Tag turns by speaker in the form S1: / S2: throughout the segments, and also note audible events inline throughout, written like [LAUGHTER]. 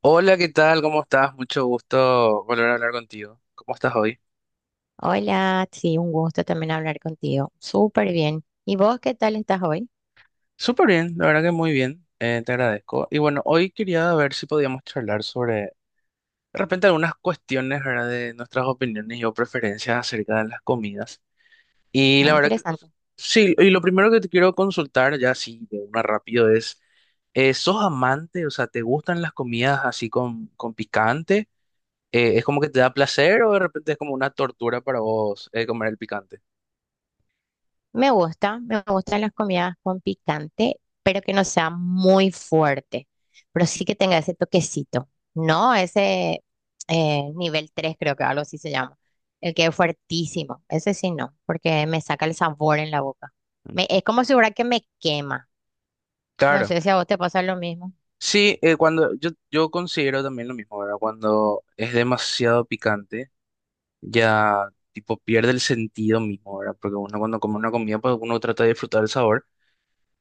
S1: Hola, ¿qué tal? ¿Cómo estás? Mucho gusto volver a hablar contigo. ¿Cómo estás hoy?
S2: Hola, sí, un gusto también hablar contigo. Súper bien. ¿Y vos qué tal estás hoy?
S1: Súper bien, la verdad que muy bien. Te agradezco. Y bueno, hoy quería ver si podíamos charlar sobre de repente algunas cuestiones, ¿verdad? De nuestras opiniones y o preferencias acerca de las comidas. Y
S2: Ah,
S1: la verdad que,
S2: interesante.
S1: sí, y lo primero que te quiero consultar, ya así de una rápido, es... ¿Sos amante? O sea, ¿te gustan las comidas así con picante? ¿Es como que te da placer o de repente es como una tortura para vos comer el picante?
S2: Me gusta, me gustan las comidas con picante, pero que no sea muy fuerte, pero sí que tenga ese toquecito, ¿no? Ese nivel 3, creo que algo así se llama, el que es fuertísimo, ese sí no, porque me saca el sabor en la boca. Es como si fuera que me quema. No
S1: Claro,
S2: sé si a vos te pasa lo mismo.
S1: sí, cuando yo considero también lo mismo, ¿verdad? Cuando es demasiado picante, ya tipo pierde el sentido mismo, ¿verdad? Porque uno cuando come una comida, pues uno trata de disfrutar el sabor.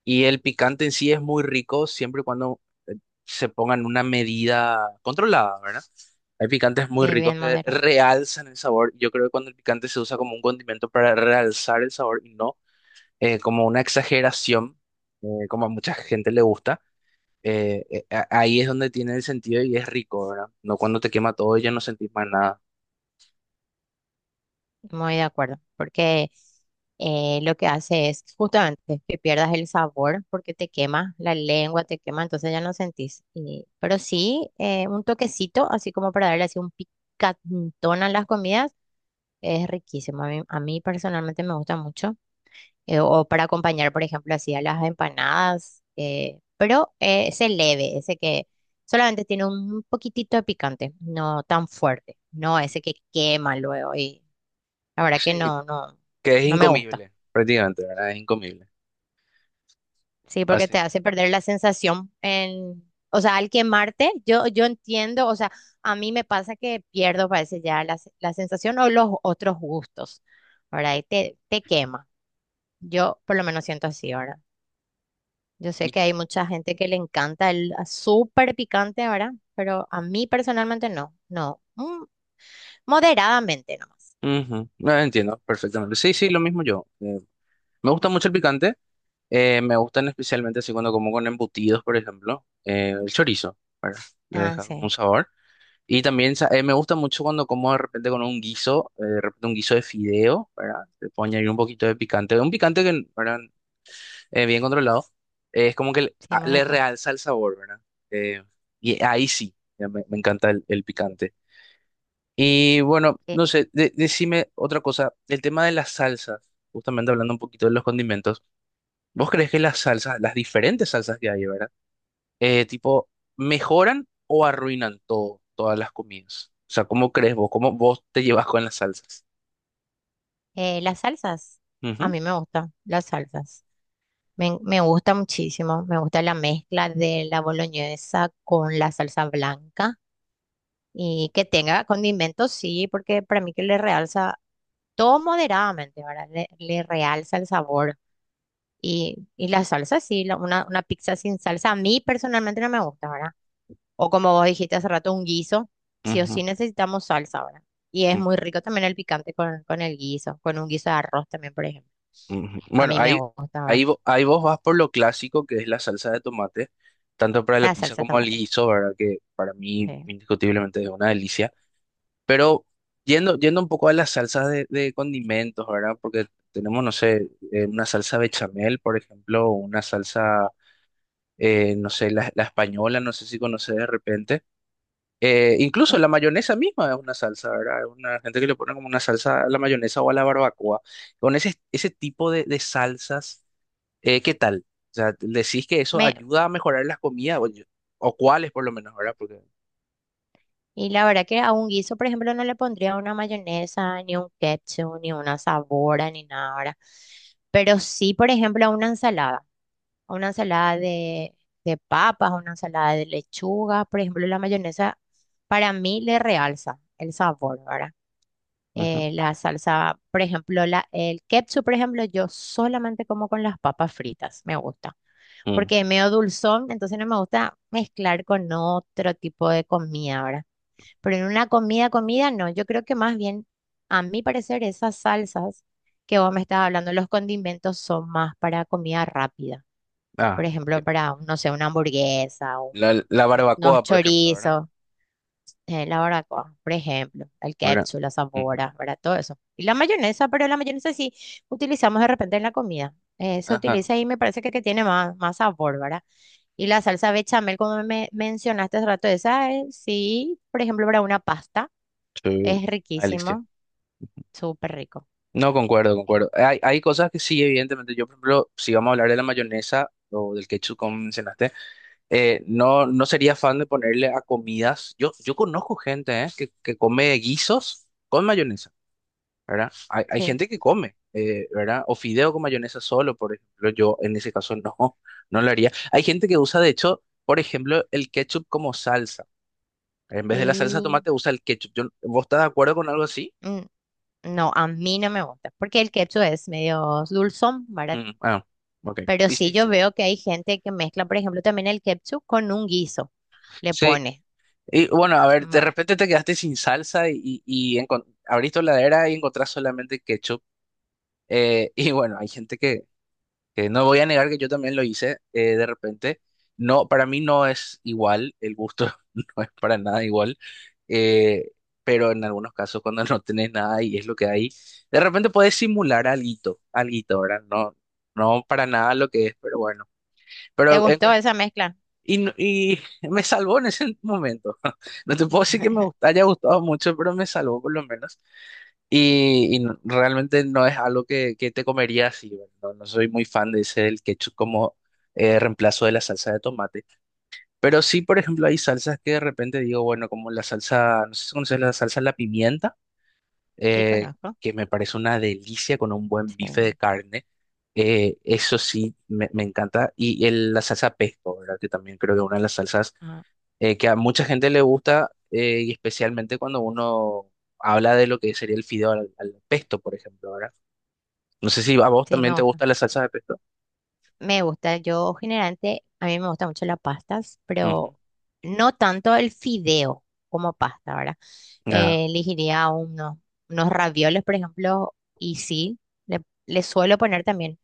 S1: Y el picante en sí es muy rico siempre y cuando eh, se ponga en una medida controlada, ¿verdad? Hay picantes muy
S2: Sí,
S1: ricos
S2: bien
S1: que
S2: moderado.
S1: realzan el sabor. Yo creo que cuando el picante se usa como un condimento para realzar el sabor y no como una exageración, como a mucha gente le gusta. Ahí es donde tiene el sentido y es rico, ¿verdad? No cuando te quema todo y ya no sentís más nada.
S2: Muy de acuerdo, porque lo que hace es justamente que pierdas el sabor porque te quema la lengua, te quema, entonces ya no sentís. Pero sí, un toquecito, así como para darle así un picantón a las comidas, es riquísimo. A mí personalmente me gusta mucho. O para acompañar, por ejemplo, así a las empanadas, pero ese leve, ese que solamente tiene un poquitito de picante, no tan fuerte, no ese que quema luego y la verdad que
S1: Sí,
S2: no, no,
S1: que es
S2: no me gusta.
S1: incomible, prácticamente, ¿verdad? Es incomible.
S2: Sí, porque
S1: Así.
S2: te hace perder la sensación en, o sea, al quemarte, yo entiendo, o sea, a mí me pasa que pierdo, parece ya la, la sensación o los otros gustos, ¿verdad? Y te quema. Yo por lo menos siento así, ¿verdad? Yo sé que hay mucha gente que le encanta el súper picante, ¿verdad? Pero a mí personalmente no, no. Mm, moderadamente nomás.
S1: Ujú, no entiendo perfectamente. Sí, sí, lo mismo yo. Me gusta mucho el picante. Me gustan especialmente así cuando como con embutidos, por ejemplo. El chorizo, ¿verdad? Le
S2: Ah,
S1: deja como un
S2: sí,
S1: sabor. Y también me gusta mucho cuando como de repente con un guiso, de repente un guiso de fideo, ¿verdad? Le puedo añadir un poquito de picante. Un picante que, ¿verdad? Bien controlado, es como que
S2: sí,
S1: le
S2: moderado.
S1: realza el sabor, ¿verdad? Eh, y ahí sí, ya me encanta el picante. Y bueno,
S2: Sí.
S1: no sé, decime otra cosa, el tema de las salsas, justamente hablando un poquito de los condimentos, ¿vos crees que las salsas, las diferentes salsas que hay, ¿verdad? Eh, tipo, ¿Mejoran o arruinan todas las comidas? O sea, ¿cómo crees vos? ¿Cómo vos te llevas con las salsas?
S2: Las salsas, a
S1: Ujú,
S2: mí me gustan las salsas. Me gusta muchísimo, me gusta la mezcla de la boloñesa con la salsa blanca y que tenga condimentos, sí, porque para mí que le realza todo moderadamente, ¿verdad? Le realza el sabor. Y la salsa, sí, la- una pizza sin salsa a mí personalmente no me gusta, ¿verdad? O como vos dijiste hace rato, un guiso, sí o sí
S1: ujú,
S2: necesitamos salsa, ¿verdad? Y es
S1: ujú.
S2: muy rico también el picante con el guiso, con un guiso de arroz también, por ejemplo.
S1: Ujú.
S2: A
S1: Bueno,
S2: mí me gusta, ¿verdad?
S1: ahí vos vas por lo clásico que es la salsa de tomate, tanto para la
S2: La
S1: pizza
S2: salsa de
S1: como el
S2: tomate.
S1: guiso, ¿verdad? Que para mí
S2: Sí.
S1: indiscutiblemente es una delicia. Pero yendo un poco a las salsas de condimentos, ¿verdad? Porque tenemos, no sé, una salsa bechamel, por ejemplo, o una salsa, no sé, la española, no sé si conoces de repente. Incluso
S2: Sí.
S1: la mayonesa misma es una salsa, ¿verdad? Hay una gente que le pone como una salsa a la mayonesa o a la barbacoa. Con ese tipo de salsas. ¿Qué tal? O sea, ¿decís que eso
S2: Me,
S1: ayuda a mejorar las comidas, o cuáles por lo menos, ¿verdad? Porque...
S2: y la verdad que a un guiso, por ejemplo, no le pondría una mayonesa, ni un ketchup, ni una sabora, ni nada, ¿verdad? Pero sí, por ejemplo, a una ensalada. A una ensalada de papas, a una ensalada de lechuga. Por ejemplo, la mayonesa para mí le realza el sabor, ¿verdad?
S1: Ujú,
S2: La salsa, por ejemplo, la, el ketchup, por ejemplo, yo solamente como con las papas fritas, me gusta
S1: mm.
S2: porque es medio dulzón, entonces no me gusta mezclar con otro tipo de comida, ¿verdad? Pero en una comida, comida, no. Yo creo que más bien, a mi parecer, esas salsas que vos me estás hablando, los condimentos son más para comida rápida. Por
S1: Ah,
S2: ejemplo,
S1: ok.
S2: para, no sé, una hamburguesa,
S1: La
S2: unos
S1: barbacoa, por ejemplo, ¿verdad?
S2: chorizos, la barbacoa, por ejemplo, el
S1: ¿Verdad?
S2: ketchup, la
S1: Mm.
S2: sabora, ¿verdad? Todo eso. Y la mayonesa, pero la mayonesa sí utilizamos de repente en la comida. Se
S1: Ajá.
S2: utiliza y me parece que tiene más, más sabor, ¿verdad? Y la salsa bechamel, como me mencionaste hace rato, esa es, sí, por ejemplo, para una pasta.
S1: Sí.
S2: Es
S1: Alicia.
S2: riquísimo, súper rico.
S1: No, concuerdo,
S2: Sí.
S1: concuerdo. Hay cosas que sí, evidentemente. Yo, por ejemplo, si vamos a hablar de la mayonesa o del ketchup, como mencionaste, no, no sería fan de ponerle a comidas. Yo conozco gente, que come guisos con mayonesa. ¿Verdad? Hay
S2: Sí.
S1: gente que come, ¿verdad? O fideo con mayonesa solo, por ejemplo, yo en ese caso no, [LAUGHS] no lo haría. Hay gente que usa, de hecho, por ejemplo, el ketchup como salsa. En vez de la salsa de
S2: Y
S1: tomate usa el ketchup. ¿Vos estás de acuerdo con algo así?
S2: mm, no, a mí no me gusta, porque el ketchup es medio dulzón, ¿verdad?
S1: Mm, ah, ok.
S2: Pero
S1: Y
S2: sí
S1: sí,
S2: yo
S1: sí.
S2: veo que hay gente que mezcla, por ejemplo, también el ketchup con un guiso, le
S1: Sí,
S2: pone.
S1: y bueno, a ver, de
S2: ¿Verdad?
S1: repente te quedaste sin salsa y abrís tu heladera y encontrás solamente ketchup. [LAUGHS] Y bueno, hay gente que no voy a negar que yo también lo hice de repente. No, para mí no es igual, el gusto [LAUGHS] no es para nada igual, eh, pero en algunos casos cuando no tenés nada y es lo que hay, de repente puedes simular alguito, alguito, ¿verdad? No, no para nada lo que es, pero bueno.
S2: ¿Te
S1: Pero en
S2: gustó esa mezcla?
S1: y, no- y me salvó en ese momento. [LAUGHS] No te puedo decir que me
S2: [LAUGHS]
S1: haya gustado mucho, pero me salvó por lo menos. Y realmente no es algo que te comería así, ¿verdad? No, no soy muy fan de ese el ketchup como reemplazo de la salsa de tomate. Pero sí, por ejemplo, hay salsas que de repente digo, bueno, como la salsa, no sé si conoces la salsa de la pimienta,
S2: Sí,
S1: eh,
S2: conozco.
S1: que me parece una delicia con un buen bife de
S2: Sí,
S1: carne. Eso sí, me encanta. Y la salsa pesto, ¿verdad? Que también creo que es una de las salsas
S2: ajá,
S1: que a mucha gente le gusta, y especialmente cuando uno habla de lo que sería el fideo al pesto, por ejemplo, ¿verdad? No sé si a vos
S2: sí, me
S1: también te
S2: gusta.
S1: gusta la salsa de pesto.
S2: Me gusta, yo generalmente, a mí me gusta mucho las pastas,
S1: Ujú.
S2: pero no tanto el fideo como pasta, ¿verdad?
S1: Ah.
S2: Elegiría unos, unos ravioles, por ejemplo, y sí, le, le suelo poner también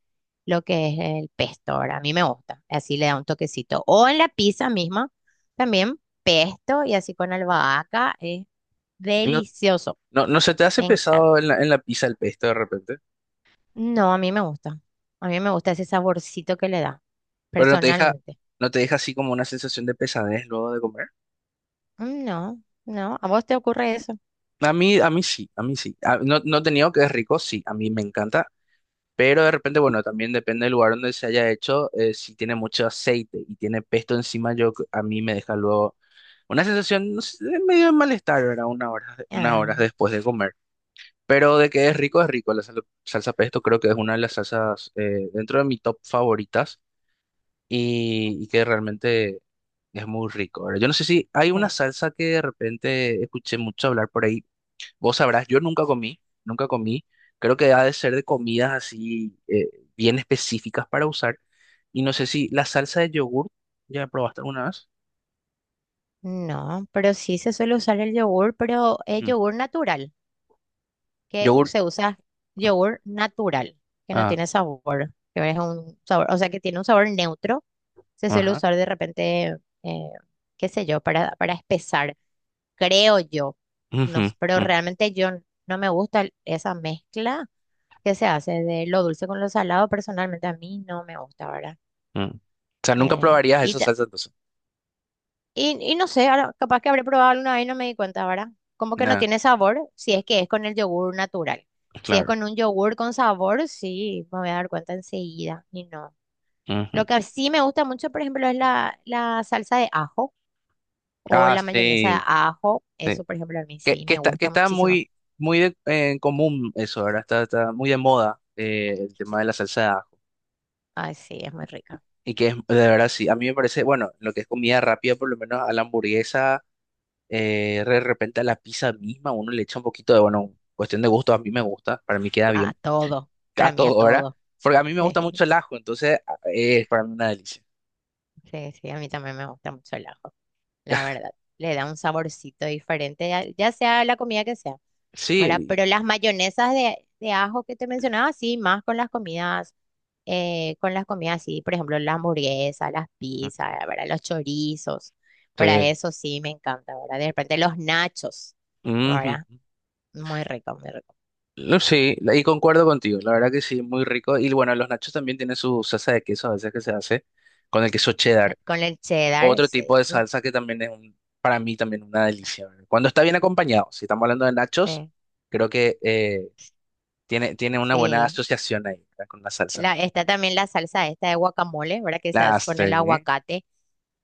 S2: lo que es el pesto, ¿verdad? A mí me gusta, así le da un toquecito. O en la pizza misma, también pesto y así con albahaca, es
S1: Y no,
S2: delicioso,
S1: no, ¿no se te hace
S2: me encanta.
S1: pesado en en la pizza el pesto de repente,
S2: No, a mí me gusta, a mí me gusta ese saborcito que le da,
S1: pero no te deja,
S2: personalmente.
S1: no te deja así como una sensación de pesadez luego de comer?
S2: Mm, no, no, ¿a vos te ocurre eso?
S1: A mí sí, a mí sí. No, no te niego que es rico, sí, a mí me encanta. Pero de repente, bueno, también depende del lugar donde se haya hecho. Si tiene mucho aceite y tiene pesto encima, yo a mí me deja luego una sensación no sé, de medio de malestar, ¿verdad? Una hora, unas horas
S2: Ah,
S1: después de comer. Pero de que es rico, es rico. La salsa pesto creo que es una de las salsas dentro de mi top favoritas y que realmente es muy rico. Ahora yo no sé si hay una
S2: eh,
S1: salsa que de repente escuché mucho hablar por ahí. Vos sabrás, yo nunca comí, nunca comí. Creo que ha de ser de comidas así bien específicas para usar. Y no sé si la salsa de yogur, ¿ya probaste alguna vez?
S2: no, pero sí se suele usar el yogur, pero es
S1: Mm.
S2: yogur natural, que
S1: Yogur,
S2: se usa yogur natural, que no
S1: ah,
S2: tiene sabor, que es un sabor, o sea, que tiene un sabor neutro, se suele
S1: ajá.
S2: usar de repente, eh, qué sé yo, para espesar, creo yo, no,
S1: Ujú,
S2: pero
S1: ujú,
S2: realmente yo no me gusta esa mezcla que se hace de lo dulce con lo salado, personalmente a mí no me gusta, ¿verdad?
S1: mm. O sea, nunca
S2: Eh,
S1: probarías
S2: y
S1: esa
S2: ta-
S1: salsa entonces.
S2: Y no sé, ahora capaz que habré probado alguna vez y no me di cuenta, ¿verdad? Como que no
S1: Ah,
S2: tiene sabor si es que es con el yogur natural. Si es
S1: claro.
S2: con un yogur con sabor, sí, me voy a dar cuenta enseguida. Y no. Lo
S1: Ujú.
S2: que sí me gusta mucho, por ejemplo, es la, la salsa de ajo o
S1: Ah,
S2: la mayonesa de
S1: sí,
S2: ajo.
S1: sí.
S2: Eso, por ejemplo, a mí sí me
S1: Que
S2: gusta
S1: está
S2: muchísimo.
S1: muy, en común eso, ahora está, está muy de moda el tema de la salsa.
S2: Ay, sí, es muy rica.
S1: Y que es, de verdad, sí, a mí me parece, bueno, lo que es comida rápida, por lo menos a la hamburguesa, de repente a la pizza misma, uno le echa un poquito de, bueno, cuestión de gusto, a mí me gusta, para mí queda
S2: A
S1: bien,
S2: todo.
S1: [LAUGHS] a
S2: Para mí, a
S1: todo, ¿verdad?
S2: todo.
S1: Porque a mí me gusta mucho
S2: [LAUGHS]
S1: el ajo, entonces es para mí una delicia.
S2: Sí, sí, a mí también me gusta mucho el ajo, la
S1: [LAUGHS]
S2: verdad. Le da un saborcito diferente, ya ya sea la comida que sea. ¿Verdad?
S1: Sí,
S2: Pero las mayonesas de ajo que te mencionaba, sí, más con las comidas, sí, por ejemplo, las hamburguesas, las
S1: y-
S2: pizzas,
S1: ujú,
S2: ¿verdad? Los chorizos, para
S1: sí.
S2: eso sí me encanta, ¿verdad? De repente los nachos, ¿verdad?
S1: Ujú.
S2: Muy rico, muy rico.
S1: No, sí, y concuerdo contigo, la verdad que sí, muy rico. Y bueno, los nachos también tienen su salsa de queso a veces que se hace con el queso cheddar.
S2: Con el cheddar,
S1: Otro
S2: sí,
S1: tipo de salsa que también es para mí también una delicia. ¿Verdad? Cuando está bien acompañado, si estamos hablando de nachos,
S2: sí,
S1: creo que tiene, tiene una buena
S2: sí.
S1: asociación ahí, ¿verdad? Con la salsa.
S2: La, está también la salsa esta de guacamole, ¿verdad? Que se
S1: La
S2: hace con
S1: hace,
S2: el
S1: ¿eh?
S2: aguacate,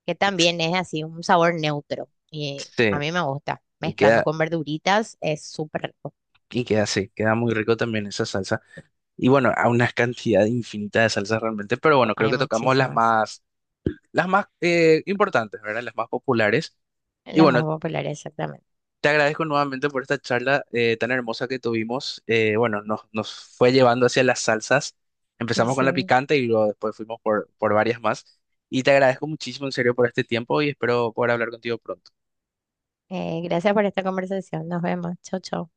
S2: que
S1: Ex-
S2: también es así un sabor neutro y
S1: Sí,
S2: a mí me gusta.
S1: y
S2: Mezclando
S1: queda,
S2: con verduritas es súper rico.
S1: y queda así, queda muy rico también esa salsa. Y bueno, a una cantidad infinita de salsas realmente, pero bueno, creo
S2: Hay
S1: que tocamos
S2: muchísimas.
S1: las más importantes, ¿verdad? Las más populares. Y
S2: Las
S1: bueno,
S2: más populares, exactamente.
S1: te agradezco nuevamente por esta charla tan hermosa que tuvimos. Bueno, nos fue llevando hacia las salsas. Empezamos con la
S2: Sí.
S1: picante y luego después fuimos por varias más. Y te agradezco muchísimo, en serio, por este tiempo y espero poder hablar contigo pronto.
S2: Gracias por esta conversación. Nos vemos. Chau, chau.